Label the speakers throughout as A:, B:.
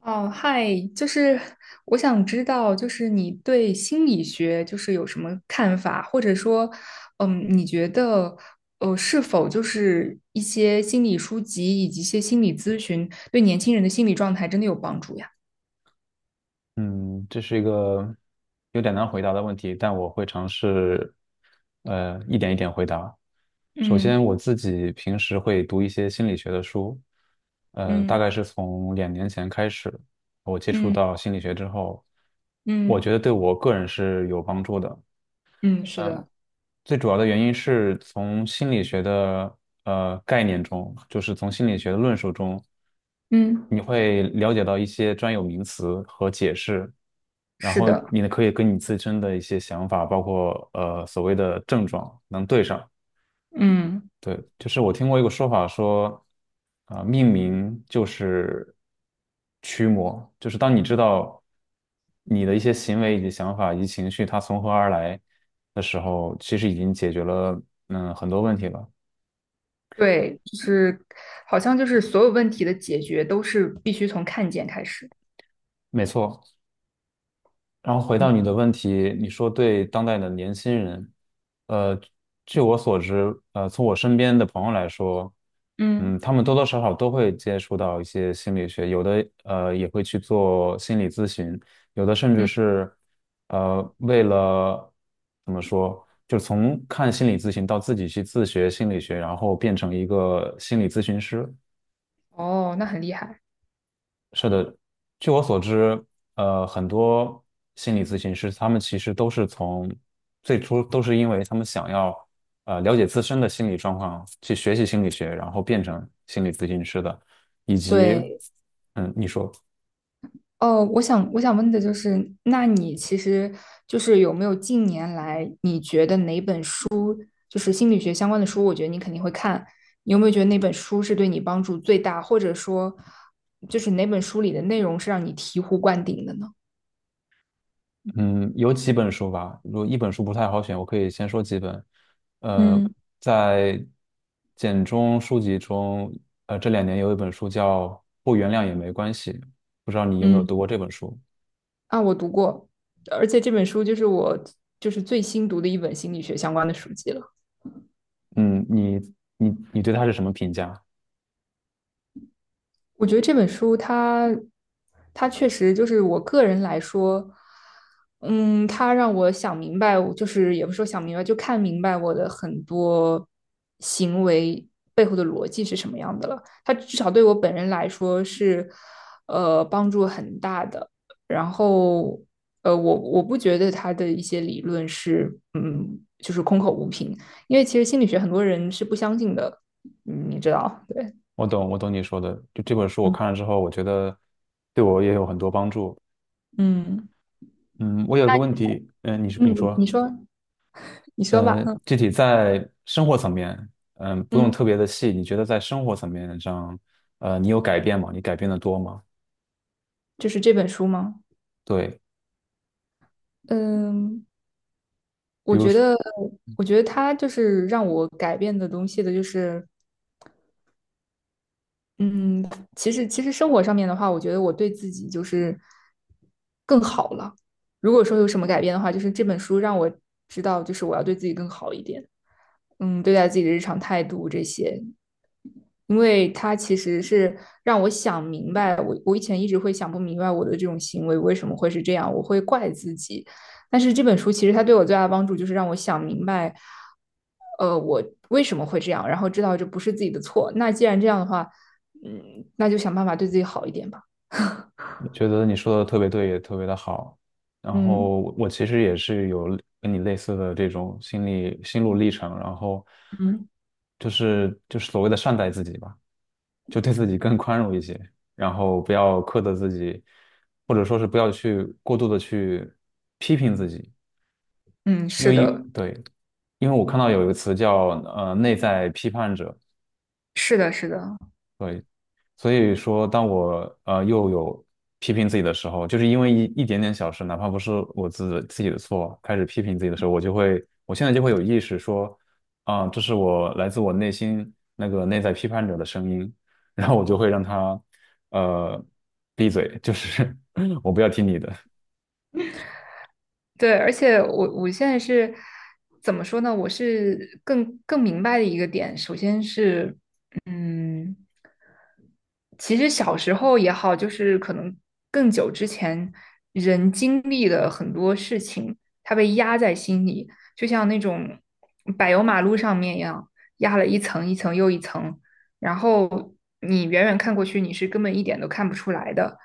A: 哦，嗨，就是我想知道，就是你对心理学就是有什么看法，或者说，你觉得，是否就是一些心理书籍以及一些心理咨询对年轻人的心理状态真的有帮助呀？
B: 嗯，这是一个有点难回答的问题，但我会尝试，一点一点回答。首
A: 嗯
B: 先，我自己平时会读一些心理学的书，大
A: 嗯
B: 概是从两年前开始，我接触
A: 嗯
B: 到心理学之后，我觉
A: 嗯
B: 得对我个人是有帮助的。
A: 嗯，是的，
B: 最主要的原因是从心理学的概念中，就是从心理学的论述中，
A: 嗯，
B: 你会了解到一些专有名词和解释，然
A: 是
B: 后
A: 的，
B: 你呢可以跟你自身的一些想法，包括所谓的症状能对上。
A: 嗯，
B: 对，就是我听过一个说法说，命名就是驱魔，就是当你知道你的一些行为以及想法以及情绪它从何而来的时候，其实已经解决了很多问题了。
A: 对，就是好像就是所有问题的解决都是必须从看见开始。
B: 没错，然后回到
A: 嗯，
B: 你的问题，你说对当代的年轻人，呃，据我所知，从我身边的朋友来说，
A: 嗯
B: 他们多多少少都会接触到一些心理学，有的也会去做心理咨询，有的甚至
A: 嗯，
B: 是为了怎么说，就是从看心理咨询到自己去自学心理学，然后变成一个心理咨询师。
A: 哦，那很厉害。
B: 是的，据我所知，很多心理咨询师他们其实都是从最初都是因为他们想要了解自身的心理状况，去学习心理学，然后变成心理咨询师的，以及
A: 对，
B: 你说
A: 哦，我想问的就是，那你其实就是有没有近年来你觉得哪本书，就是心理学相关的书，我觉得你肯定会看，你有没有觉得哪本书是对你帮助最大，或者说就是哪本书里的内容是让你醍醐灌顶的呢？
B: 嗯，有几本书吧，如果一本书不太好选，我可以先说几本，呃，
A: 嗯
B: 在简中书籍中，这两年有一本书叫《不原谅也没关系》，不知道你有没有
A: 嗯
B: 读过这本书。
A: 啊，我读过，而且这本书就是我就是最新读的一本心理学相关的书籍了。
B: 嗯，你你对他是什么评价？
A: 我觉得这本书它确实就是我个人来说，它让我想明白，就是也不是说想明白，就看明白我的很多行为背后的逻辑是什么样的了。它至少对我本人来说是，帮助很大的。然后，我不觉得它的一些理论是，就是空口无凭，因为其实心理学很多人是不相信的，嗯你知道，对，
B: 我懂，我懂你说的。就这本书我
A: 嗯
B: 看了之后，我觉得对我也有很多帮助。
A: 嗯。
B: 嗯，我有个问题，你
A: 嗯，
B: 说，
A: 你说，你说吧。嗯
B: 具体在生活层面，不用
A: 嗯，
B: 特别的细，你觉得在生活层面上，你有改变吗？你改变的多吗？
A: 就是这本书吗？
B: 对，
A: 嗯，
B: 比
A: 我
B: 如
A: 觉
B: 说，
A: 得，我觉得它就是让我改变的东西的，就是嗯，其实生活上面的话，我觉得我对自己就是更好了。如果说有什么改变的话，就是这本书让我知道，就是我要对自己更好一点。对待自己的日常态度这些，因为它其实是让我想明白，我以前一直会想不明白我的这种行为为什么会是这样，我会怪自己。但是这本书其实它对我最大的帮助就是让我想明白，我为什么会这样，然后知道这不是自己的错。那既然这样的话，那就想办法对自己好一点吧。
B: 觉得你说的特别对，也特别的好。然
A: 嗯
B: 后我其实也是有跟你类似的这种心理心路历程，然后
A: 嗯，
B: 就是所谓的善待自己吧，就对自己更宽容一些，然后不要苛责自己，或者说是不要去过度的去批评自己，
A: 嗯，
B: 因
A: 是
B: 为
A: 的，
B: 对，因为我看到有一个词叫内在批判者。
A: 是的，是的，
B: 对。所以说，当我又有批评自己的时候，就是因为一点点小事，哪怕不是我自己的错，开始批评自己的时候，我就会，我现在就会有意识说，这是我来自我内心那个内在批判者的声音，然后我就会让他呃闭嘴，就是 我不要听你的。
A: 对，而且我现在是怎么说呢？我是更明白的一个点，首先是嗯。其实小时候也好，就是可能更久之前，人经历的很多事情，他被压在心里，就像那种柏油马路上面一样，压了一层一层又一层，然后你远远看过去，你是根本一点都看不出来的。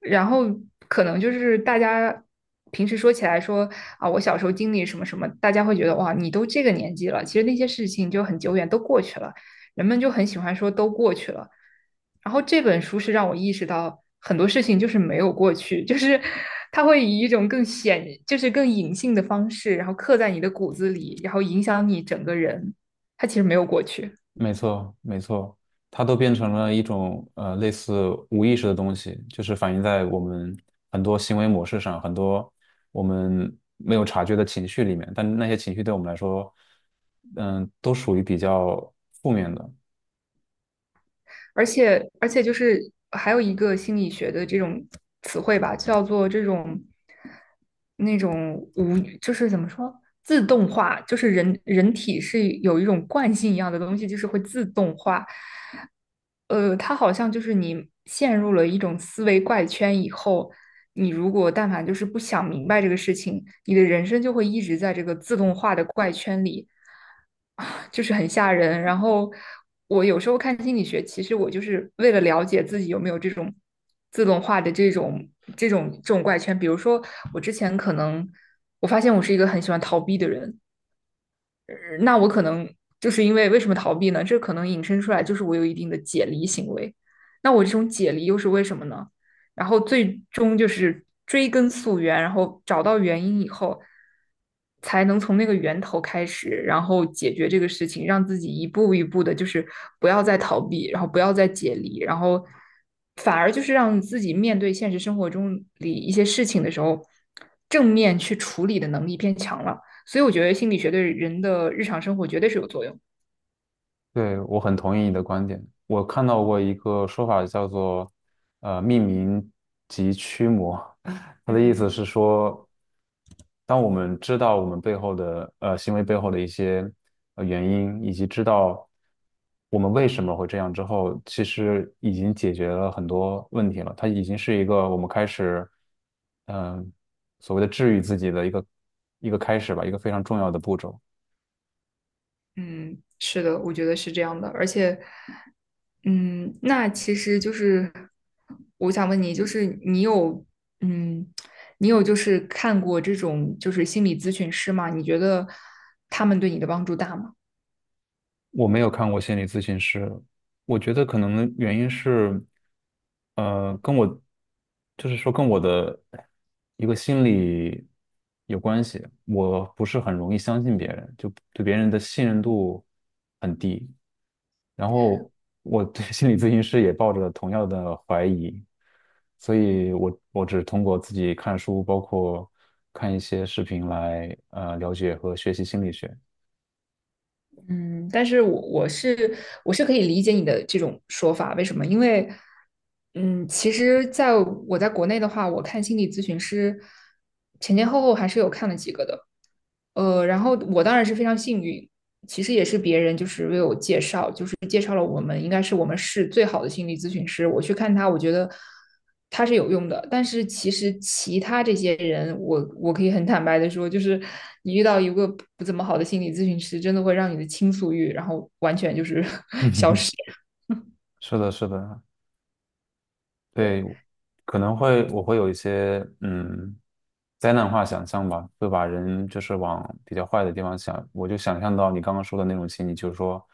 A: 然后可能就是大家平时说起来说啊，我小时候经历什么什么，大家会觉得哇，你都这个年纪了，其实那些事情就很久远，都过去了。人们就很喜欢说都过去了，然后这本书是让我意识到很多事情就是没有过去，就是它会以一种更显，就是更隐性的方式，然后刻在你的骨子里，然后影响你整个人。它其实没有过去。
B: 没错，没错，它都变成了一种类似无意识的东西，就是反映在我们很多行为模式上，很多我们没有察觉的情绪里面。但那些情绪对我们来说，都属于比较负面的。
A: 而且就是还有一个心理学的这种词汇吧，叫做这种那种无，就是怎么说，自动化，就是人体是有一种惯性一样的东西，就是会自动化。它好像就是你陷入了一种思维怪圈以后，你如果但凡就是不想明白这个事情，你的人生就会一直在这个自动化的怪圈里，啊，就是很吓人。然后我有时候看心理学，其实我就是为了了解自己有没有这种自动化的这种怪圈。比如说，我之前可能我发现我是一个很喜欢逃避的人，那我可能就是为什么逃避呢？这可能引申出来就是我有一定的解离行为。那我这种解离又是为什么呢？然后最终就是追根溯源，然后找到原因以后，才能从那个源头开始，然后解决这个事情，让自己一步一步的，就是不要再逃避，然后不要再解离，然后反而就是让自己面对现实生活中里一些事情的时候，正面去处理的能力变强了。所以我觉得心理学对人的日常生活绝对是有作用。
B: 对，我很同意你的观点。我看到过一个说法叫做命名及驱魔，它的意
A: 嗯
B: 思是说。当我们知道我们背后的行为背后的一些原因，以及知道我们为什么会这样之后，其实已经解决了很多问题了。它已经是一个我们开始嗯、所谓的治愈自己的一个开始吧，一个非常重要的步骤。
A: 嗯，是的，我觉得是这样的。而且，嗯，那其实就是我想问你，就是嗯，你有就是看过这种就是心理咨询师吗？你觉得他们对你的帮助大吗？
B: 我没有看过心理咨询师，我觉得可能原因是，跟我，就是说跟我的一个心理有关系。我不是很容易相信别人，就对别人的信任度很低。然后我对 心理咨询师也抱着同样的怀疑，所以我只通过自己看书，包括看一些视频来了解和学习心理学。
A: 嗯，但是我是可以理解你的这种说法，为什么？因为，其实在国内的话，我看心理咨询师前前后后还是有看了几个的，然后我当然是非常幸运，其实也是别人就是为我介绍，就是介绍了我们应该是我们市最好的心理咨询师，我去看他，我觉得它是有用的，但是其实其他这些人，我可以很坦白的说，就是你遇到一个不怎么好的心理咨询师，真的会让你的倾诉欲，然后完全就是
B: 是的，是的，
A: 对，
B: 对，可能会我会有一些灾难化想象吧，会把人就是往比较坏的地方想。我就想象到你刚刚说的那种情景，就是说，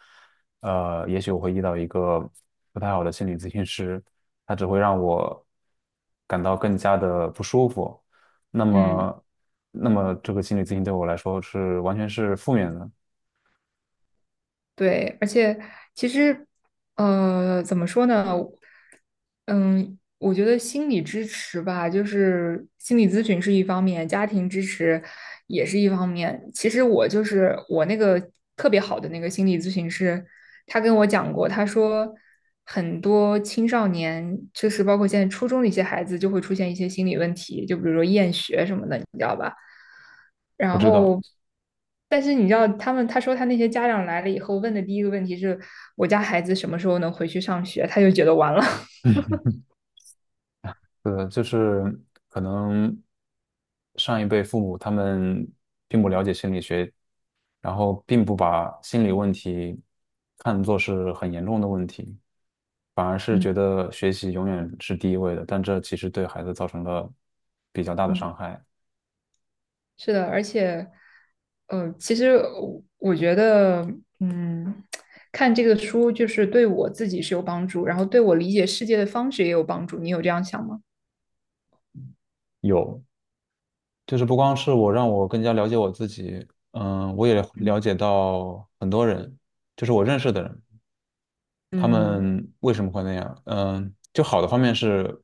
B: 也许我会遇到一个不太好的心理咨询师，他只会让我感到更加的不舒服。那
A: 嗯，
B: 么，这个心理咨询对我来说是完全是负面的，
A: 对，而且其实，怎么说呢，嗯，我觉得心理支持吧，就是心理咨询是一方面，家庭支持也是一方面。其实我就是我那个特别好的那个心理咨询师，他跟我讲过，他说很多青少年，就是包括现在初中的一些孩子，就会出现一些心理问题，就比如说厌学什么的，你知道吧？
B: 我
A: 然
B: 知道。
A: 后，但是你知道，他说他那些家长来了以后问的第一个问题是，我家孩子什么时候能回去上学？他就觉得完了。
B: 就是可能上一辈父母他们并不了解心理学，然后并不把心理问题看作是很严重的问题，反而是
A: 嗯
B: 觉得学习永远是第一位的，但这其实对孩子造成了比较大的
A: 嗯，
B: 伤害。
A: 是的，而且，其实我觉得，嗯，看这个书就是对我自己是有帮助，然后对我理解世界的方式也有帮助。你有这样想吗？
B: 有，就是不光是我让我更加了解我自己，我也了
A: 嗯
B: 解到很多人，就是我认识的人，他
A: 嗯。
B: 们为什么会那样？嗯，就好的方面是。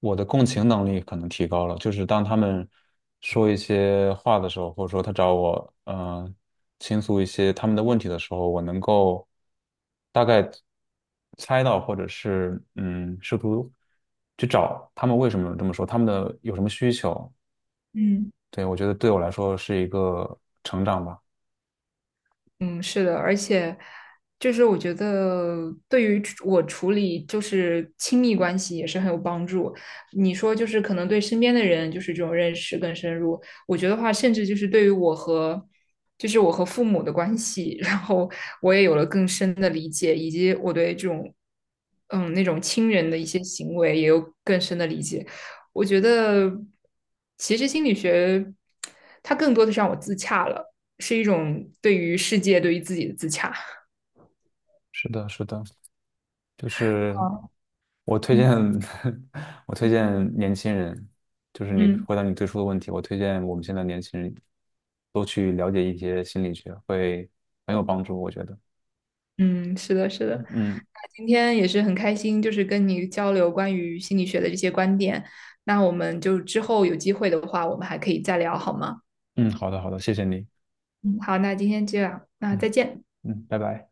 B: 我的共情能力可能提高了，就是当他们说一些话的时候，或者说他找我，呃倾诉一些他们的问题的时候，我能够大概猜到，或者是试图去找他们为什么这么说，他们的有什么需求。
A: 嗯。
B: 对，我觉得对我来说是一个成长吧。
A: 嗯，是的，而且就是我觉得对于我处理就是亲密关系也是很有帮助。你说就是可能对身边的人就是这种认识更深入，我觉得话甚至就是对于我和父母的关系，然后我也有了更深的理解，以及我对这种嗯那种亲人的一些行为也有更深的理解。我觉得其实心理学它更多的是让我自洽了。是一种对于世界、对于自己的自洽。
B: 是的，是的，就是我推荐，
A: 嗯
B: 我推
A: 嗯
B: 荐年轻人，就是你
A: 嗯
B: 回答你最初的问题，我推荐我们现在年轻人都去了解一些心理学，会很有帮助，我觉得。
A: 嗯，是的，是的。
B: 嗯
A: 那今天也是很开心，就是跟你交流关于心理学的这些观点。那我们就之后有机会的话，我们还可以再聊，好吗？
B: 嗯，好的好的，谢谢你。
A: 嗯好，那今天这样，那
B: 嗯
A: 再见。
B: 嗯，拜拜。